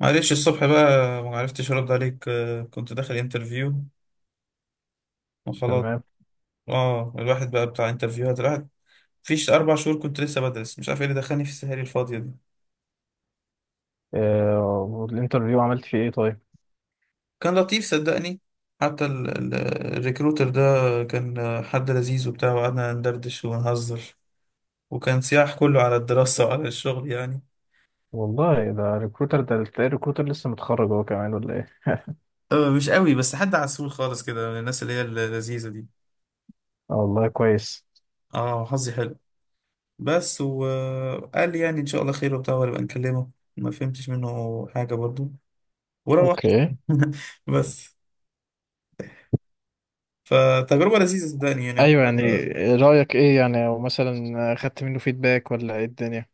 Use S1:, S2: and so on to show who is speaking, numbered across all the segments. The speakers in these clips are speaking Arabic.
S1: معلش الصبح بقى ما عرفتش ارد عليك، كنت داخل انترفيو وخلاص.
S2: تمام.
S1: اه، الواحد بقى بتاع انترفيوهات. الواحد فيش اربع شهور كنت لسه بدرس، مش عارف ايه اللي دخلني في السهاري الفاضيه دي.
S2: آه، والانترفيو عملت فيه ايه طيب؟
S1: كان لطيف صدقني. حتى الريكروتر ده كان حد لذيذ وبتاع، وقعدنا ندردش ونهزر. وكان سياح كله على الدراسه وعلى الشغل يعني.
S2: والله ده ريكروتر، ده تلاقي الريكروتر لسه متخرج هو كمان ولا ايه؟
S1: مش قوي، بس حد عسول خالص كده من الناس اللي هي اللذيذه دي.
S2: آه، والله كويس.
S1: اه، حظي حلو. بس وقال لي يعني ان شاء الله خير وبتاع وهبقى نكلمه. ما فهمتش منه حاجه برضو، وروحت.
S2: اوكي.
S1: بس، فتجربه لذيذه صدقني، يعني
S2: ايوه يعني. رأيك ايه يعني، او مثلا خدت منه فيدباك ولا ايه الدنيا؟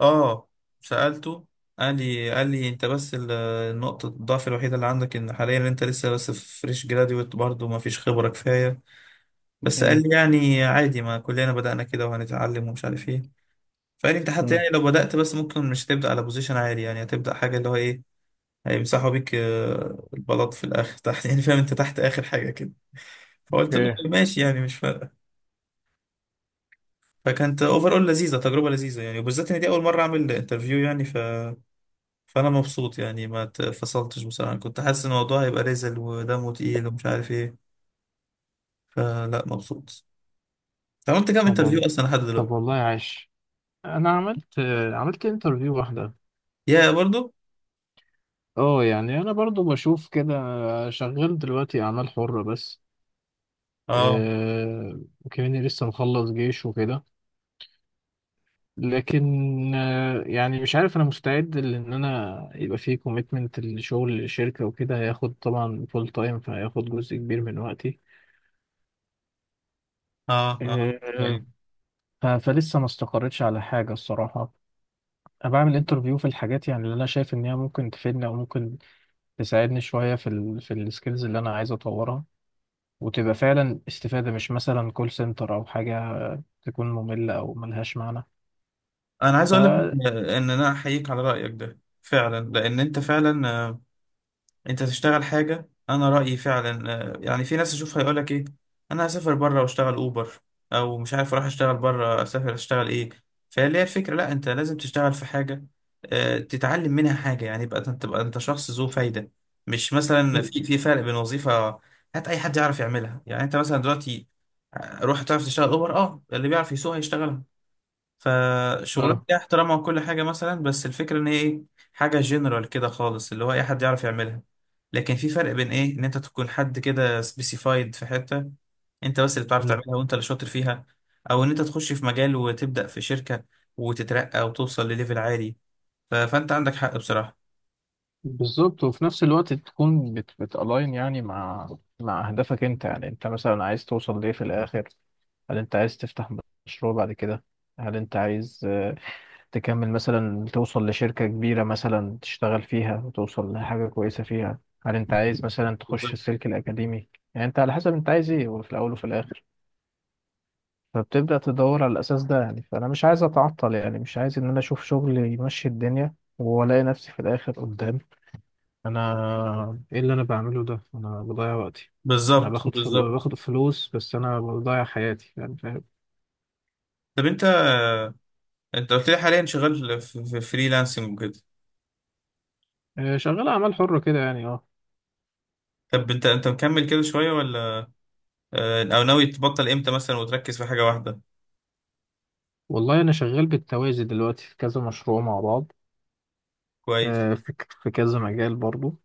S1: اه، سالته. قال لي انت بس النقطه الضعف الوحيده اللي عندك ان حاليا انت لسه بس فريش جراديويت برضو، ما فيش خبره كفايه. بس قال
S2: امم
S1: لي يعني عادي، ما كلنا بدانا كده وهنتعلم ومش عارف ايه. فقال لي انت حتى
S2: أمم،
S1: يعني لو بدات، بس ممكن مش هتبدا على بوزيشن عالي، يعني هتبدا حاجه اللي هو ايه، هيمسحوا بيك البلاط في الاخر تحت، يعني فاهم، انت تحت اخر حاجه كده. فقلت له
S2: اوكي.
S1: ماشي، يعني مش فارق. فكانت اوفر اول لذيذه، تجربه لذيذه يعني، وبالذات ان دي اول مره اعمل انترفيو يعني. فانا مبسوط يعني، ما اتفصلتش. بصراحه كنت حاسس ان الموضوع هيبقى رزل ودمه تقيل ومش عارف ايه. فلا، مبسوط. أنت عملت كام
S2: طب
S1: انترفيو
S2: وال-
S1: اصلا لحد
S2: طب
S1: دلوقتي؟
S2: والله عاش. انا عملت، عملت انترفيو واحده.
S1: يا برضو.
S2: اه يعني انا برضو بشوف كده. شغال دلوقتي اعمال حره بس.
S1: اه.
S2: وكمان لسه مخلص جيش وكده. لكن يعني مش عارف انا مستعد، لان انا يبقى فيه كوميتمنت لشغل الشركه وكده، هياخد طبعا فول تايم، فهياخد جزء كبير من وقتي.
S1: اه. اه.
S2: آه،
S1: أيوة.
S2: فلسه ما استقريتش على حاجه الصراحه. انا بعمل انترفيو في الحاجات يعني اللي انا شايف ان هي ممكن تفيدني، او ممكن تساعدني شويه في في السكيلز اللي انا عايز اطورها، وتبقى فعلا استفاده، مش مثلا كول سنتر او حاجه تكون ممله او ملهاش معنى.
S1: انا عايز
S2: ف
S1: اقول لك إن انا احييك على رايك ده فعلا، لان انت فعلا، انت تشتغل حاجة. انا رأيي فعلا، يعني في ناس اشوفها يقولك ايه: انا هسافر بره واشتغل اوبر، او مش عارف، اروح اشتغل بره، اسافر، اشتغل ايه. فاللي هي الفكرة، لا، انت لازم تشتغل في حاجة تتعلم منها حاجة، يعني يبقى انت تبقى انت شخص ذو فايدة. مش مثلا، في فرق بين وظيفة هات اي حد يعرف يعملها، يعني انت مثلا دلوقتي روح تعرف تشتغل اوبر. اه، اللي بيعرف يسوق هيشتغلها. فشغلانه
S2: اه
S1: ليها احترامها وكل حاجه مثلا، بس الفكره ان هي ايه، حاجه جنرال كده خالص اللي هو اي حد يعرف يعملها. لكن في فرق بين ايه، ان انت تكون حد كده سبيسيفايد في حته، انت بس اللي بتعرف تعملها وانت اللي شاطر فيها. او ان انت تخش في مجال وتبدا في شركه وتترقى وتوصل لليفل عالي. فانت عندك حق بصراحه.
S2: بالظبط. وفي نفس الوقت تكون بتالاين يعني مع، مع اهدافك انت. يعني انت مثلا عايز توصل ليه في الاخر؟ هل انت عايز تفتح مشروع بعد كده؟ هل انت عايز تكمل مثلا توصل لشركة كبيرة مثلا تشتغل فيها وتوصل لحاجة كويسة فيها؟ هل انت عايز مثلا تخش
S1: بالظبط،
S2: السلك الأكاديمي؟ يعني انت على حسب انت عايز ايه، وفي الأول وفي الآخر فبتبدأ تدور على الأساس ده. يعني فأنا مش عايز أتعطل، يعني مش عايز إن أنا أشوف شغل يمشي الدنيا وألاقي نفسي في الآخر قدام انا ايه اللي انا بعمله ده، انا بضيع وقتي. انا
S1: بالظبط،
S2: باخد
S1: بالظبط.
S2: باخد فلوس، بس انا بضيع حياتي يعني فاهم.
S1: طب انت، قلت لي حاليا شغال في فريلانسنج وكده؟
S2: شغال اعمال حرة كده يعني اه.
S1: طب انت، مكمل كده شويه، ولا او ناوي تبطل امتى مثلا وتركز في حاجه واحده؟
S2: والله انا شغال بالتوازي دلوقتي في كذا مشروع مع بعض.
S1: كويس.
S2: في كذا مجال برضو.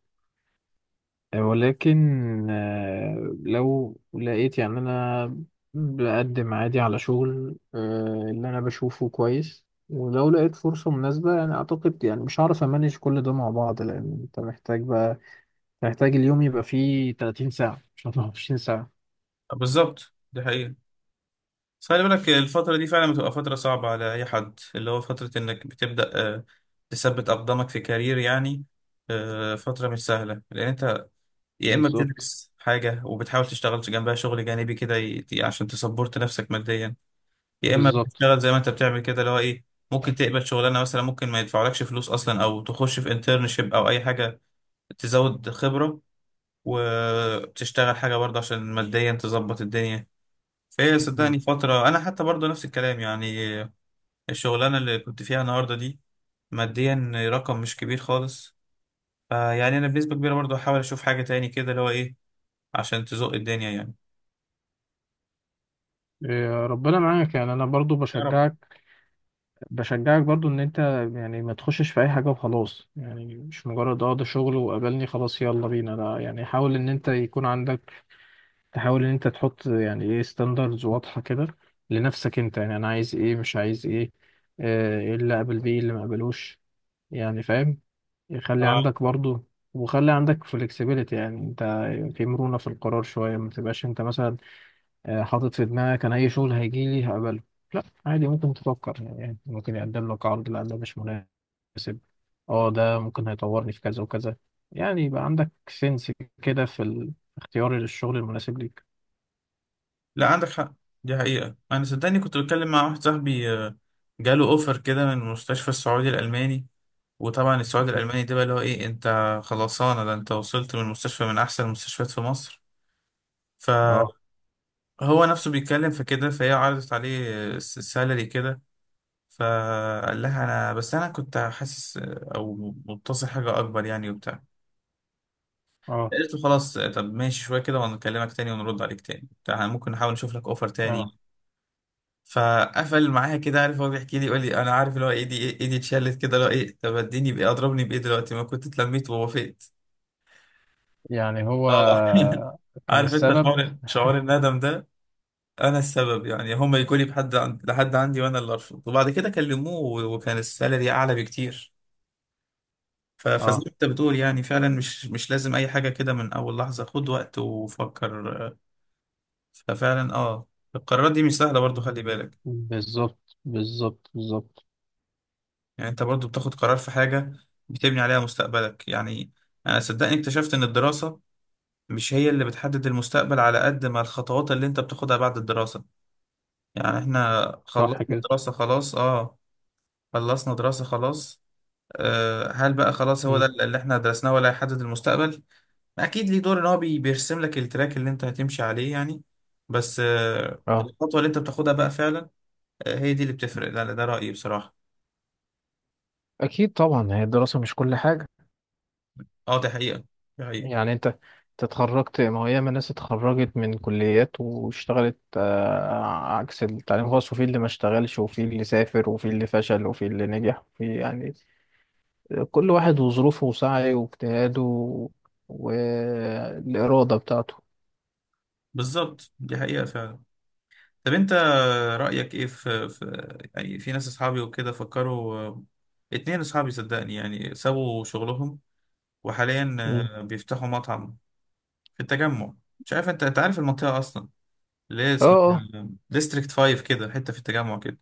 S2: ولكن لو لقيت يعني انا بقدم عادي على شغل، اللي انا بشوفه كويس. ولو لقيت فرصة مناسبة يعني اعتقد يعني مش هعرف امانج كل ده مع بعض، لان انت محتاج بقى، هيحتاج اليوم يبقى فيه 30 ساعة مش 24 ساعة.
S1: بالظبط، دي حقيقة. بس خلي بالك، الفترة دي فعلا بتبقى فترة صعبة على أي حد، اللي هو فترة إنك بتبدأ آه، تثبت أقدامك في كارير يعني. فترة مش سهلة، لأن أنت يا إما
S2: بالظبط
S1: بتدرس حاجة وبتحاول تشتغل جنبها شغل جانبي كده عشان تسبورت نفسك ماديا. يا إما
S2: بالظبط.
S1: بتشتغل زي ما أنت بتعمل كده، اللي هو إيه، ممكن تقبل شغلانة مثلا ممكن ما يدفعولكش فلوس أصلا، أو تخش في انترنشيب أو أي حاجة تزود خبرة، وتشتغل حاجة برضه عشان ماديا تظبط الدنيا. ايه، صدقني فترة، انا حتى برضو نفس الكلام يعني. الشغلانة اللي كنت فيها النهاردة دي ماديا رقم مش كبير خالص. فيعني انا بنسبة كبيرة برضو هحاول اشوف حاجة تاني كده، اللي هو ايه، عشان تزق الدنيا يعني.
S2: إيه، ربنا معاك يعني. انا برضو
S1: يا رب.
S2: بشجعك، بشجعك برضو ان انت يعني ما تخشش في اي حاجة وخلاص. يعني مش مجرد اه ده شغل وقابلني خلاص يلا بينا، لا. يعني حاول ان انت يكون عندك، تحاول ان انت تحط يعني ايه ستاندردز واضحة كده لنفسك انت. يعني انا عايز ايه، مش عايز ايه، ايه اللي اقبل بيه، إيه اللي ما اقبلوش. يعني فاهم، يخلي
S1: اه،
S2: عندك برضو. وخلي عندك flexibility، يعني انت في مرونة في القرار شوية. ما تبقاش انت مثلا حاطط في دماغك انا اي شغل هيجي لي هقبله. لا، عادي ممكن تفكر. يعني ممكن يقدم لك عرض، لا ده مش مناسب. اه ده ممكن هيطورني في كذا وكذا. يعني يبقى عندك سنس كده في اختيار الشغل المناسب ليك.
S1: لا عندك حق. دي حقيقة. انا صدقني كنت بتكلم مع واحد صاحبي، جاله اوفر كده من المستشفى السعودي الالماني. وطبعا السعودي الالماني ده بقى اللي هو ايه، انت خلصانة، ده انت وصلت من مستشفى من احسن المستشفيات في مصر.
S2: اه.
S1: هو نفسه بيتكلم في كده، فهي عرضت عليه السالري كده. فقال لها انا كنت حاسس، او متصل حاجه اكبر يعني، وبتاع.
S2: اه.
S1: قلت له خلاص، طب ماشي شويه كده وهنكلمك تاني ونرد عليك تاني بتاع، إحنا ممكن نحاول نشوف لك اوفر
S2: اه
S1: تاني. فقفل معايا كده، عارف، هو بيحكي لي يقول لي انا عارف اللي هو، ايدي اتشلت كده، اللي هو ايه، طب اديني بايه اضربني بايه دلوقتي، ما كنت اتلميت ووافقت.
S2: يعني هو
S1: اه.
S2: كان
S1: عارف انت،
S2: السبب.
S1: شعور الندم ده. انا السبب يعني، هم يجوا لي لحد عندي وانا اللي ارفض، وبعد كده كلموه وكان السالري اعلى بكتير. فزي
S2: اه
S1: ما انت بتقول يعني، فعلا مش لازم اي حاجه كده من اول لحظه، خد وقت وفكر. ففعلا اه، القرارات دي مش سهله برضو، خلي بالك.
S2: بالظبط بالظبط بالظبط.
S1: يعني انت برضو بتاخد قرار في حاجه بتبني عليها مستقبلك يعني. انا صدقني اكتشفت ان الدراسه مش هي اللي بتحدد المستقبل، على قد ما الخطوات اللي انت بتاخدها بعد الدراسه. يعني احنا
S2: صح كده.
S1: خلصنا دراسه خلاص. هل بقى خلاص هو ده اللي احنا درسناه، ولا هيحدد المستقبل؟ اكيد ليه دور، ان هو بيرسم لك التراك اللي انت هتمشي عليه يعني. بس
S2: اه
S1: الخطوة اللي انت بتاخدها بقى فعلا هي دي اللي بتفرق. ده رأيي بصراحة.
S2: اكيد طبعا، هي الدراسه مش كل حاجه.
S1: اه، دي حقيقة. دي حقيقة.
S2: يعني انت تتخرجت، ما هي ياما ناس اتخرجت من كليات واشتغلت عكس التعليم الخاص. وفي اللي ما اشتغلش، وفي اللي سافر، وفي اللي فشل، وفي اللي نجح، وفي يعني كل واحد وظروفه وسعيه واجتهاده والاراده بتاعته.
S1: بالظبط، دي حقيقة فعلا. طب انت، رأيك ايه في يعني في ناس اصحابي وكده فكروا، اتنين اصحابي صدقني يعني سابوا شغلهم، وحاليا
S2: مم.
S1: بيفتحوا مطعم في التجمع. مش عارف انت، انت عارف المنطقة اصلا؟ ليه اسمها
S2: اه
S1: ديستريكت 5 كده، حتة في التجمع كده.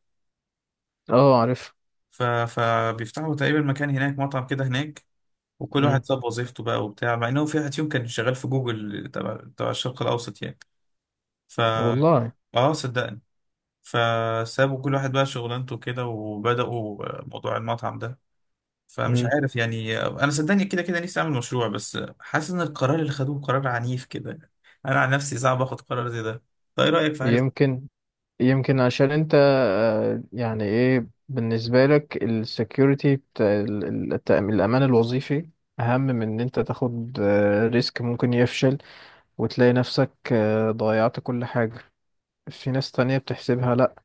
S2: اه. اه عارف.
S1: فبيفتحوا تقريبا مكان هناك، مطعم كده هناك. وكل
S2: مم.
S1: واحد ساب وظيفته بقى وبتاع، مع انه في واحد فيهم كان شغال في جوجل تبع الشرق الاوسط يعني. ف
S2: والله.
S1: اه صدقني، فسابوا كل واحد بقى شغلانته كده، وبدأوا موضوع المطعم ده. فمش
S2: مم.
S1: عارف يعني، انا صدقني كده كده نفسي اعمل مشروع، بس حاسس ان القرار اللي خدوه قرار عنيف كده. انا عن نفسي صعب اخد قرار زي ده. طيب ايه رأيك في حاجة
S2: يمكن، يمكن عشان انت يعني ايه بالنسبة لك السكيورتي بتاع الأمان الوظيفي أهم من إن أنت تاخد ريسك ممكن يفشل وتلاقي نفسك ضيعت كل حاجة. في ناس تانية بتحسبها لأ،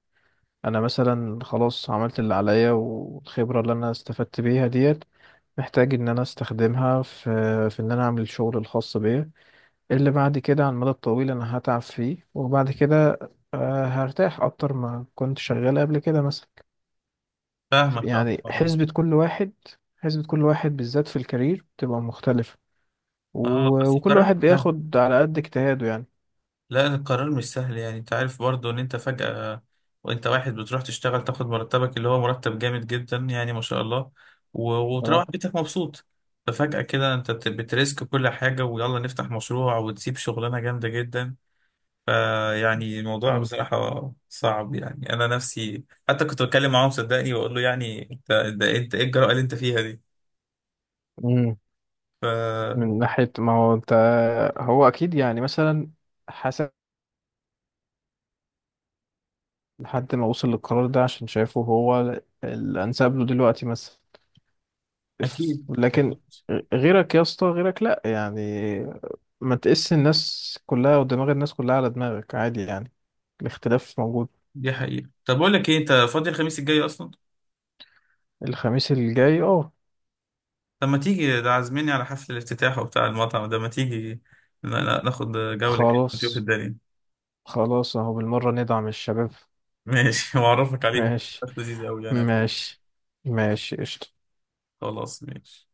S2: أنا مثلا خلاص عملت اللي عليا، والخبرة اللي أنا استفدت بيها ديت محتاج إن أنا أستخدمها في، في إن أنا أعمل الشغل الخاص بيا اللي بعد كده على المدى الطويل انا هتعب فيه، وبعد كده هرتاح اكتر ما كنت شغال قبل كده مثلا.
S1: فاهمك، اه،
S2: يعني
S1: آه.
S2: حسبة كل واحد، حسبة كل واحد بالذات في الكارير بتبقى مختلفة.
S1: اه
S2: و...
S1: بس
S2: وكل
S1: القرار،
S2: واحد بياخد على قد اجتهاده يعني.
S1: لا، القرار مش سهل يعني، انت عارف برضو ان انت فجأة، وانت واحد بتروح تشتغل تاخد مرتبك، اللي هو مرتب جامد جدا يعني، ما شاء الله. و... وتروح
S2: اه.
S1: بيتك مبسوط. ففجأة كده انت بتريسك كل حاجة، ويلا نفتح مشروع وتسيب شغلانة جامدة جدا. فيعني الموضوع
S2: مم.
S1: بصراحة صعب يعني، انا نفسي حتى كنت بتكلم معاهم، صدقني، واقول له يعني، انت ده انت، ايه الجرأة اللي انت فيها دي؟
S2: مم.
S1: فأكيد.
S2: من ناحية ما هو انت، هو اكيد يعني مثلا حسب لحد ما وصل للقرار ده عشان شايفه هو الانسب له دلوقتي مثلا.
S1: أكيد.
S2: لكن غيرك يا اسطى غيرك لا، يعني ما تقيس الناس كلها ودماغ الناس كلها على دماغك. عادي يعني، الاختلاف موجود.
S1: دي حقيقة. طب أقول لك إيه، أنت فاضي الخميس الجاي أصلا؟
S2: الخميس الجاي اه.
S1: طب ما تيجي، ده عازميني على حفل الافتتاح وبتاع المطعم ده. ما تيجي ناخد جولة كده، نشوف
S2: خلاص،
S1: الدنيا.
S2: خلاص اهو بالمرة ندعم الشباب.
S1: ماشي. وأعرفك عليهم،
S2: ماشي.
S1: ناس لذيذة أوي يعني، هتحب.
S2: ماشي. ماشي قشطة.
S1: خلاص، ماشي.